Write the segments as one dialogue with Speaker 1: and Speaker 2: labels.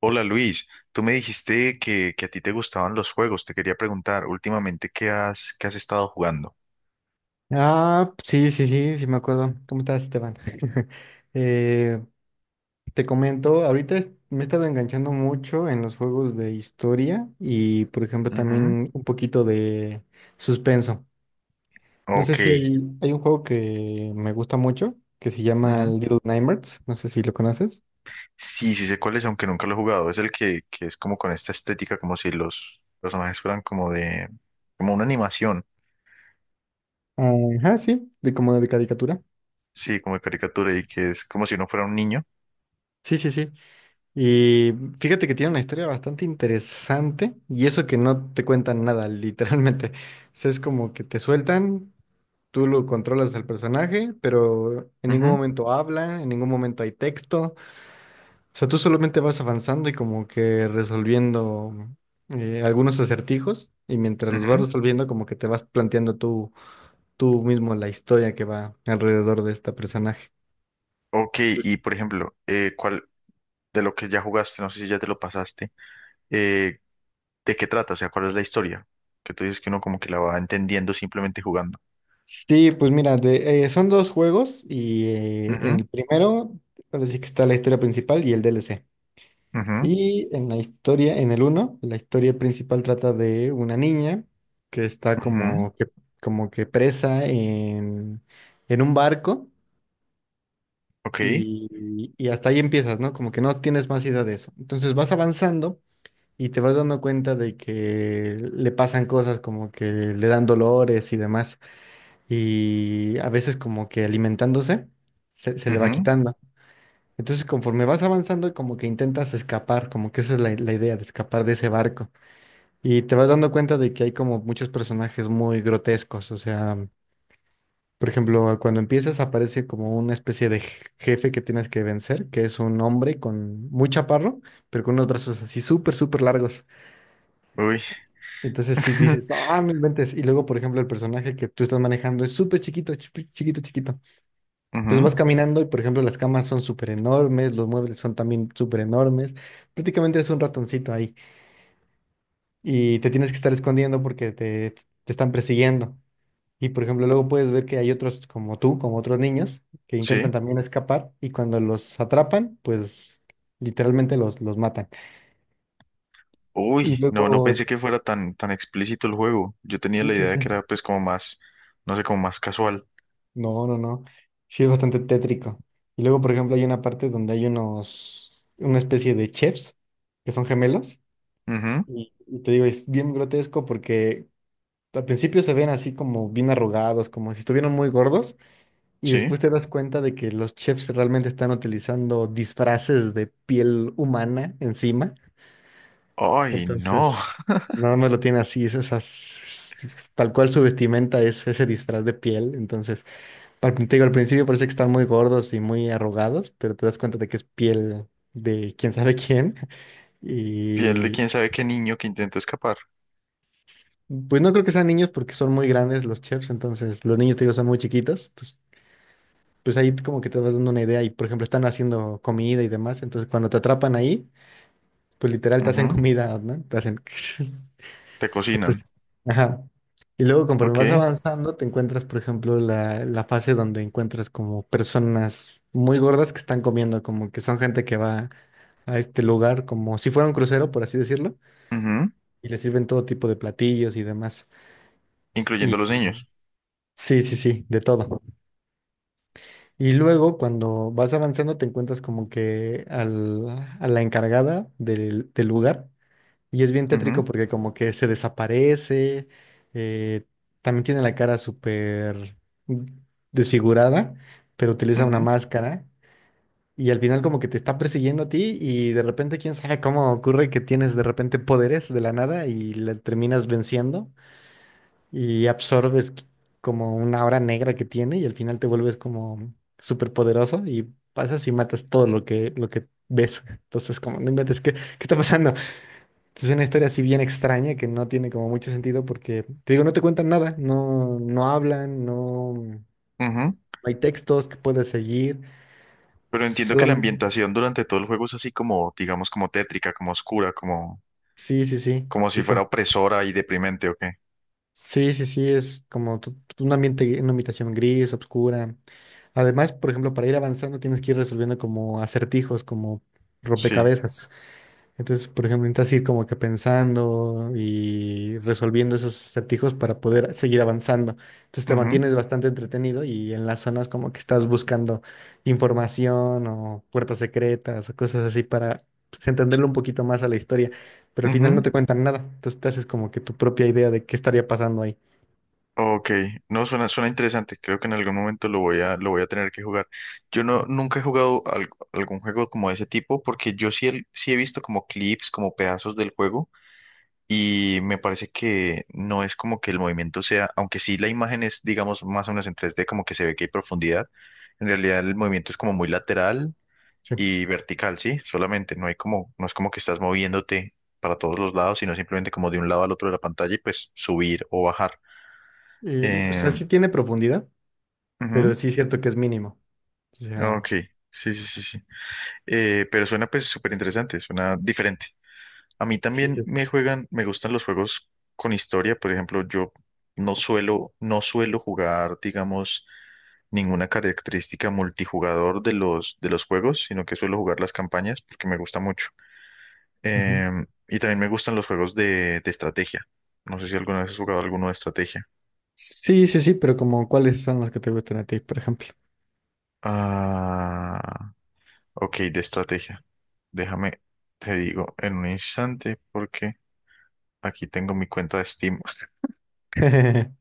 Speaker 1: Hola Luis, tú me dijiste que a ti te gustaban los juegos. Te quería preguntar últimamente qué has estado jugando.
Speaker 2: Ah, sí, sí, sí, sí me acuerdo. ¿Cómo estás, Esteban? Eh, Te comento, ahorita me he estado enganchando mucho en los juegos de historia y, por ejemplo,
Speaker 1: Ujú.
Speaker 2: también un poquito de suspenso. No sé
Speaker 1: Ok.
Speaker 2: si hay un juego que me gusta mucho que se llama
Speaker 1: Ujú.
Speaker 2: Little Nightmares. No sé si lo conoces.
Speaker 1: Sí, sí sé cuál es, aunque nunca lo he jugado. Es el que es como con esta estética, como si los personajes fueran como de, como una animación,
Speaker 2: Ajá, sí, de como de caricatura.
Speaker 1: sí, como de caricatura y que es como si uno fuera un niño.
Speaker 2: Sí, sí, sí. Y fíjate que tiene una historia bastante interesante y eso que no te cuentan nada, literalmente. O sea, es como que te sueltan, tú lo controlas al personaje, pero en ningún
Speaker 1: Ujú,
Speaker 2: momento habla, en ningún momento hay texto. O sea, tú solamente vas avanzando y como que resolviendo algunos acertijos y mientras los vas
Speaker 1: ujú.
Speaker 2: resolviendo como que te vas planteando tú, tú mismo la historia que va alrededor de este personaje.
Speaker 1: Ok, y por ejemplo, ¿cuál de lo que ya jugaste? No sé si ya te lo pasaste. eh, ¿De qué trata? O sea, ¿cuál es la historia? Que tú dices que uno como que la va entendiendo simplemente jugando.
Speaker 2: Sí, pues mira, son dos juegos y en
Speaker 1: Ujú,
Speaker 2: el primero parece que está la historia principal y el DLC.
Speaker 1: ujú,
Speaker 2: Y en la historia, en el uno, la historia principal trata de una niña que está
Speaker 1: ujú.
Speaker 2: como que presa en un barco
Speaker 1: Ok.
Speaker 2: y hasta ahí empiezas, ¿no? Como que no tienes más idea de eso. Entonces vas avanzando y te vas dando cuenta de que le pasan cosas como que le dan dolores y demás y a veces como que alimentándose se, se le va
Speaker 1: Ujú.
Speaker 2: quitando. Entonces conforme vas avanzando como que intentas escapar, como que esa es la, la idea de escapar de ese barco. Y te vas dando cuenta de que hay como muchos personajes muy grotescos, o sea, por ejemplo, cuando empiezas aparece como una especie de jefe que tienes que vencer, que es un hombre con muy chaparro, pero con unos brazos así súper, súper largos.
Speaker 1: Uy.
Speaker 2: Entonces si dices, ah, no inventes. Y luego, por ejemplo, el personaje que tú estás manejando es súper chiquito, chiquito, chiquito. Entonces
Speaker 1: Ujú.
Speaker 2: vas caminando y, por ejemplo, las camas son súper enormes, los muebles son también súper enormes. Prácticamente es un ratoncito ahí y te tienes que estar escondiendo porque te están persiguiendo. Y, por ejemplo, luego puedes ver que hay otros como tú, como otros niños, que intentan
Speaker 1: Sí.
Speaker 2: también escapar y cuando los atrapan, pues literalmente los matan. Y
Speaker 1: Uy, no, no
Speaker 2: luego,
Speaker 1: pensé que fuera tan explícito el juego. Yo tenía
Speaker 2: sí,
Speaker 1: la
Speaker 2: sí,
Speaker 1: idea de
Speaker 2: sí.
Speaker 1: que era pues como más, no sé, como más casual.
Speaker 2: No, no, no. Sí, es bastante tétrico. Y luego, por ejemplo, hay una parte donde hay unos, una especie de chefs que son gemelos.
Speaker 1: Ujú.
Speaker 2: Y te digo, es bien grotesco porque al principio se ven así como bien arrugados, como si estuvieran muy gordos, y
Speaker 1: Sí.
Speaker 2: después te das cuenta de que los chefs realmente están utilizando disfraces de piel humana encima.
Speaker 1: Ay, no.
Speaker 2: Entonces, nada más lo tiene así, es, o sea, tal cual su vestimenta es ese disfraz de piel. Entonces, te digo, al principio parece que están muy gordos y muy arrugados, pero te das cuenta de que es piel de quién sabe quién.
Speaker 1: Piel de quién sabe qué niño que intentó escapar.
Speaker 2: Pues no creo que sean niños porque son muy grandes los chefs, entonces los niños, te digo, son muy chiquitos. Entonces, pues ahí como que te vas dando una idea y, por ejemplo, están haciendo comida y demás. Entonces, cuando te atrapan ahí, pues literal te hacen
Speaker 1: Ujú.
Speaker 2: comida, ¿no? Te hacen...
Speaker 1: Te cocinan.
Speaker 2: Entonces, ajá. Y luego, conforme vas
Speaker 1: Ok.
Speaker 2: avanzando, te encuentras, por ejemplo, la fase donde encuentras como personas muy gordas que están comiendo, como que son gente que va a este lugar como si fuera un crucero, por así decirlo,
Speaker 1: Ujú.
Speaker 2: y les sirven todo tipo de platillos y demás. Y
Speaker 1: Incluyendo los niños.
Speaker 2: sí, sí, sí, de todo. Y luego cuando vas avanzando te encuentras como que al, a la encargada del, del lugar y es bien
Speaker 1: Ujú,
Speaker 2: tétrico porque como que se desaparece, eh, también tiene la cara súper desfigurada, pero utiliza una
Speaker 1: ujú,
Speaker 2: máscara y al final como que te está persiguiendo a ti y de repente quién sabe cómo ocurre que tienes de repente poderes de la nada y le terminas venciendo y absorbes como una hora negra que tiene y al final te vuelves como súper poderoso y pasas y matas todo lo que ves. Entonces, como, no inventes, ¿qué, qué está pasando? Entonces, es una historia así bien extraña que no tiene como mucho sentido porque, te digo, no te cuentan nada, no, no hablan, no, no
Speaker 1: ujú.
Speaker 2: hay textos que puedas seguir,
Speaker 1: Pero entiendo que la
Speaker 2: solamente...
Speaker 1: ambientación durante todo el juego es así como, digamos, como tétrica, como oscura, como,
Speaker 2: Sí, sí, sí.
Speaker 1: como si
Speaker 2: Y
Speaker 1: fuera opresora y deprimente, ¿o qué?
Speaker 2: sí, sí, sí, es como un ambiente, una habitación gris, oscura. Además, por ejemplo, para ir avanzando tienes que ir resolviendo como acertijos, como
Speaker 1: Sí.
Speaker 2: rompecabezas. Entonces, por ejemplo, necesitas ir como que pensando y resolviendo esos acertijos para poder seguir avanzando. Entonces te
Speaker 1: Ujú,
Speaker 2: mantienes bastante entretenido y en las zonas como que estás buscando información o puertas secretas o cosas así para pues, entenderlo un poquito más a la historia. Pero al final
Speaker 1: ujú.
Speaker 2: no te cuentan nada. Entonces te haces como que tu propia idea de qué estaría pasando ahí.
Speaker 1: Ok. No, suena, suena interesante. Creo que en algún momento lo voy a tener que jugar. Yo no, nunca he jugado al- algún juego como de ese tipo, porque yo sí he visto como clips, como pedazos del juego, y me parece que no es como que el movimiento sea, aunque sí la imagen es, digamos, más o menos en 3D como que se ve que hay profundidad. En realidad el movimiento es como muy lateral
Speaker 2: Sí.
Speaker 1: y vertical, ¿sí? Solamente, no hay como, no es como que estás moviéndote para todos los lados, sino simplemente como de un lado al otro de la pantalla y pues subir o bajar.
Speaker 2: O sea,
Speaker 1: Eh,
Speaker 2: sí tiene profundidad, pero
Speaker 1: ujú.
Speaker 2: sí es cierto que es mínimo. O sea,
Speaker 1: Ok, sí, sí, sí, sí. Pero suena pues súper interesante, suena diferente. A mí
Speaker 2: sí,
Speaker 1: también
Speaker 2: sí.
Speaker 1: me juegan, me gustan los juegos con historia, por ejemplo, yo no suelo jugar, digamos, ninguna característica multijugador de los juegos, sino que suelo jugar las campañas porque me gusta mucho.
Speaker 2: Ujú.
Speaker 1: Y también me gustan los juegos de estrategia. No sé si alguna vez has jugado alguno de estrategia.
Speaker 2: Sí, sí, sí, pero como cuáles son las que te gustan a ti, por ejemplo.
Speaker 1: Ah, ok, de estrategia. Déjame, te digo en un instante porque aquí tengo mi cuenta de Steam.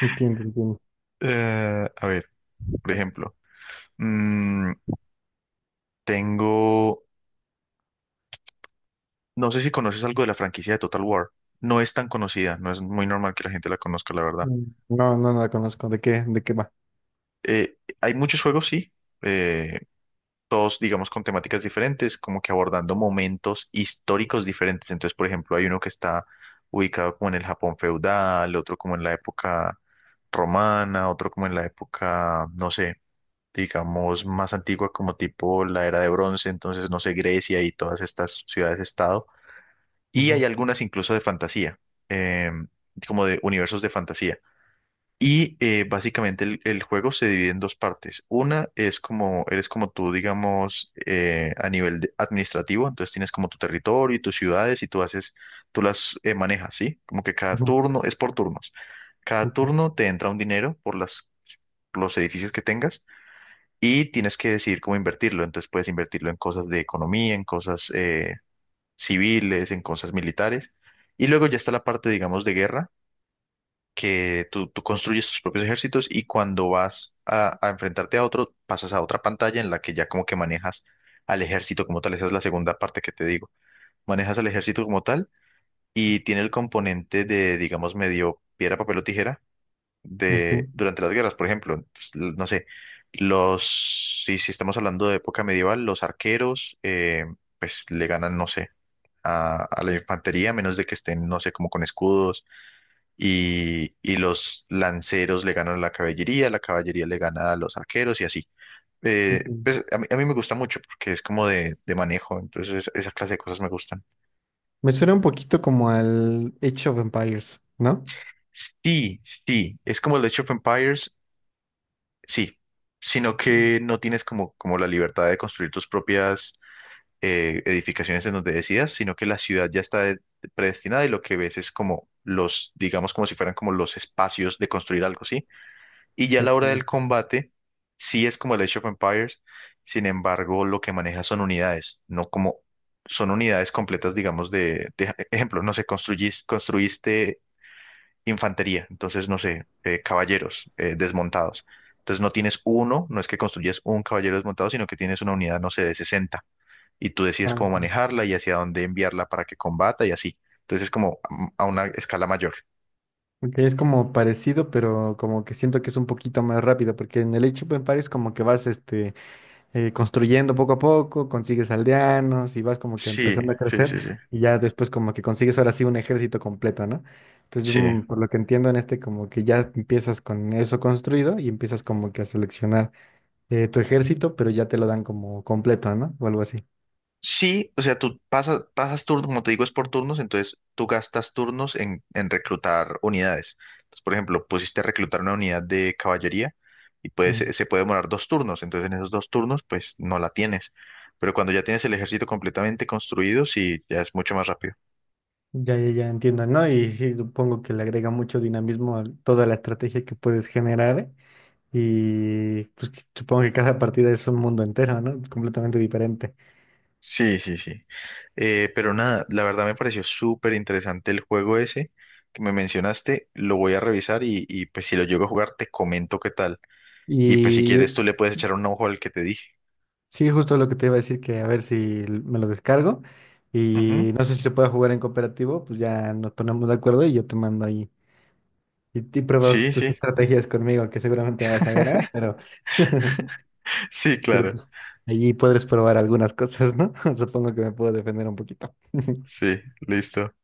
Speaker 2: Entiendo, entiendo.
Speaker 1: A ver, por ejemplo, mm, tengo, no sé si conoces algo de la franquicia de Total War. No es tan conocida, no es muy normal que la gente la conozca, la verdad.
Speaker 2: No, no, no la conozco. De qué va?
Speaker 1: Hay muchos juegos, sí. eh, Todos, digamos, con temáticas diferentes, como que abordando momentos históricos diferentes. Entonces, por ejemplo, hay uno que está ubicado como en el Japón feudal, otro como en la época romana, otro como en la época, no sé, digamos, más antigua como tipo la era de bronce, entonces, no sé, Grecia y todas estas ciudades-estado. Y hay
Speaker 2: Ujú,
Speaker 1: algunas incluso de fantasía, em, como de universos de fantasía. Y básicamente el juego se divide en dos partes. Una es como, eres como tú, digamos, a nivel de- administrativo, entonces tienes como tu territorio y tus ciudades y tú haces, tú las manejas, ¿sí? Como que cada
Speaker 2: ujú,
Speaker 1: turno, es por turnos. Cada
Speaker 2: ok,
Speaker 1: turno te entra un dinero por las, los edificios que tengas y tienes que decidir cómo invertirlo. Entonces puedes invertirlo en cosas de economía, en cosas civiles, en cosas militares. Y luego ya está la parte, digamos, de guerra que tú construyes tus propios ejércitos y cuando vas a enfrentarte a otro, pasas a otra pantalla en la que ya como que manejas al ejército como tal. Esa es la segunda parte que te digo. Manejas al ejército como tal y tiene el componente de, digamos, medio piedra, papel o tijera de,
Speaker 2: ok,
Speaker 1: durante las guerras, por ejemplo. Entonces, l- no sé, los, si estamos hablando de época medieval, los arqueros, pues le ganan, no sé. A la infantería, a menos de que estén, no sé, como con escudos y los lanceros le ganan a la caballería le gana a los arqueros y así.
Speaker 2: ok.
Speaker 1: Pues a mí me gusta mucho porque es como de manejo, entonces es- esa clase de cosas me gustan.
Speaker 2: Me suena un poquito como al Age of Empires, ¿no?
Speaker 1: Sí, sí, es como el Age of Empires, sí, sino que
Speaker 2: Sí.
Speaker 1: no tienes como, como la libertad de construir tus propias edificaciones en donde decidas, sino que la ciudad ya está de- predestinada y lo que ves es como los, digamos, como si fueran como los espacios de construir algo, ¿sí? Y ya a la hora del
Speaker 2: Ok,
Speaker 1: combate, sí es como el Age of Empires, sin embargo, lo que maneja son unidades, no como son unidades completas, digamos, de- ejemplo, no sé, construyis- construiste infantería, entonces, no sé, caballeros desmontados. Entonces no tienes uno, no es que construyes un caballero desmontado, sino que tienes una unidad, no sé, de 60 y tú decides
Speaker 2: ah,
Speaker 1: cómo
Speaker 2: ok.
Speaker 1: manejarla y hacia dónde enviarla para que combata y así. Entonces es como a una escala mayor.
Speaker 2: Ok, es como parecido, pero como que siento que es un poquito más rápido, porque en el Age of Empires como que vas este construyendo poco a poco, consigues aldeanos y vas como que
Speaker 1: Sí,
Speaker 2: empezando a
Speaker 1: sí,
Speaker 2: crecer
Speaker 1: sí, sí.
Speaker 2: y ya después como que consigues ahora sí un ejército completo, ¿no? Entonces,
Speaker 1: Sí.
Speaker 2: mm, por lo que entiendo en este, como que ya empiezas con eso construido y empiezas como que a seleccionar tu ejército, pero ya te lo dan como completo, ¿no? O algo así.
Speaker 1: Sí, o sea, tú pasas, pasas turnos, como te digo, es por turnos, entonces tú gastas turnos en reclutar unidades. Entonces, por ejemplo, pusiste a reclutar una unidad de caballería y pues
Speaker 2: Mm,
Speaker 1: se puede demorar dos turnos, entonces en esos dos turnos pues no la tienes. Pero cuando ya tienes el ejército completamente construido, sí, ya es mucho más rápido.
Speaker 2: ya, ya, ya entiendo, ¿no? Y sí, supongo que le agrega mucho dinamismo a toda la estrategia que puedes generar, ¿eh? Y pues que- supongo que cada partida es un mundo entero, ¿no? Completamente diferente.
Speaker 1: Sí, sí, sí. Pero nada, la verdad me pareció súper interesante el juego ese que me mencionaste, lo voy a revisar y pues si lo llego a jugar te comento qué tal. Y pues si
Speaker 2: Y
Speaker 1: quieres tú le puedes echar un ojo al que te dije.
Speaker 2: sí, justo lo que te iba a decir, que a ver si me lo descargo
Speaker 1: Ujú.
Speaker 2: y no sé si se puede jugar en cooperativo, pues ya nos ponemos de acuerdo y yo te mando ahí y
Speaker 1: Sí,
Speaker 2: pruebas tus
Speaker 1: sí,
Speaker 2: estrategias conmigo, que seguramente vas a ganar, pero,
Speaker 1: sí,
Speaker 2: pero
Speaker 1: claro.
Speaker 2: pues allí podrás probar algunas cosas, ¿no? Supongo que me puedo defender un poquito.
Speaker 1: Sí, listo.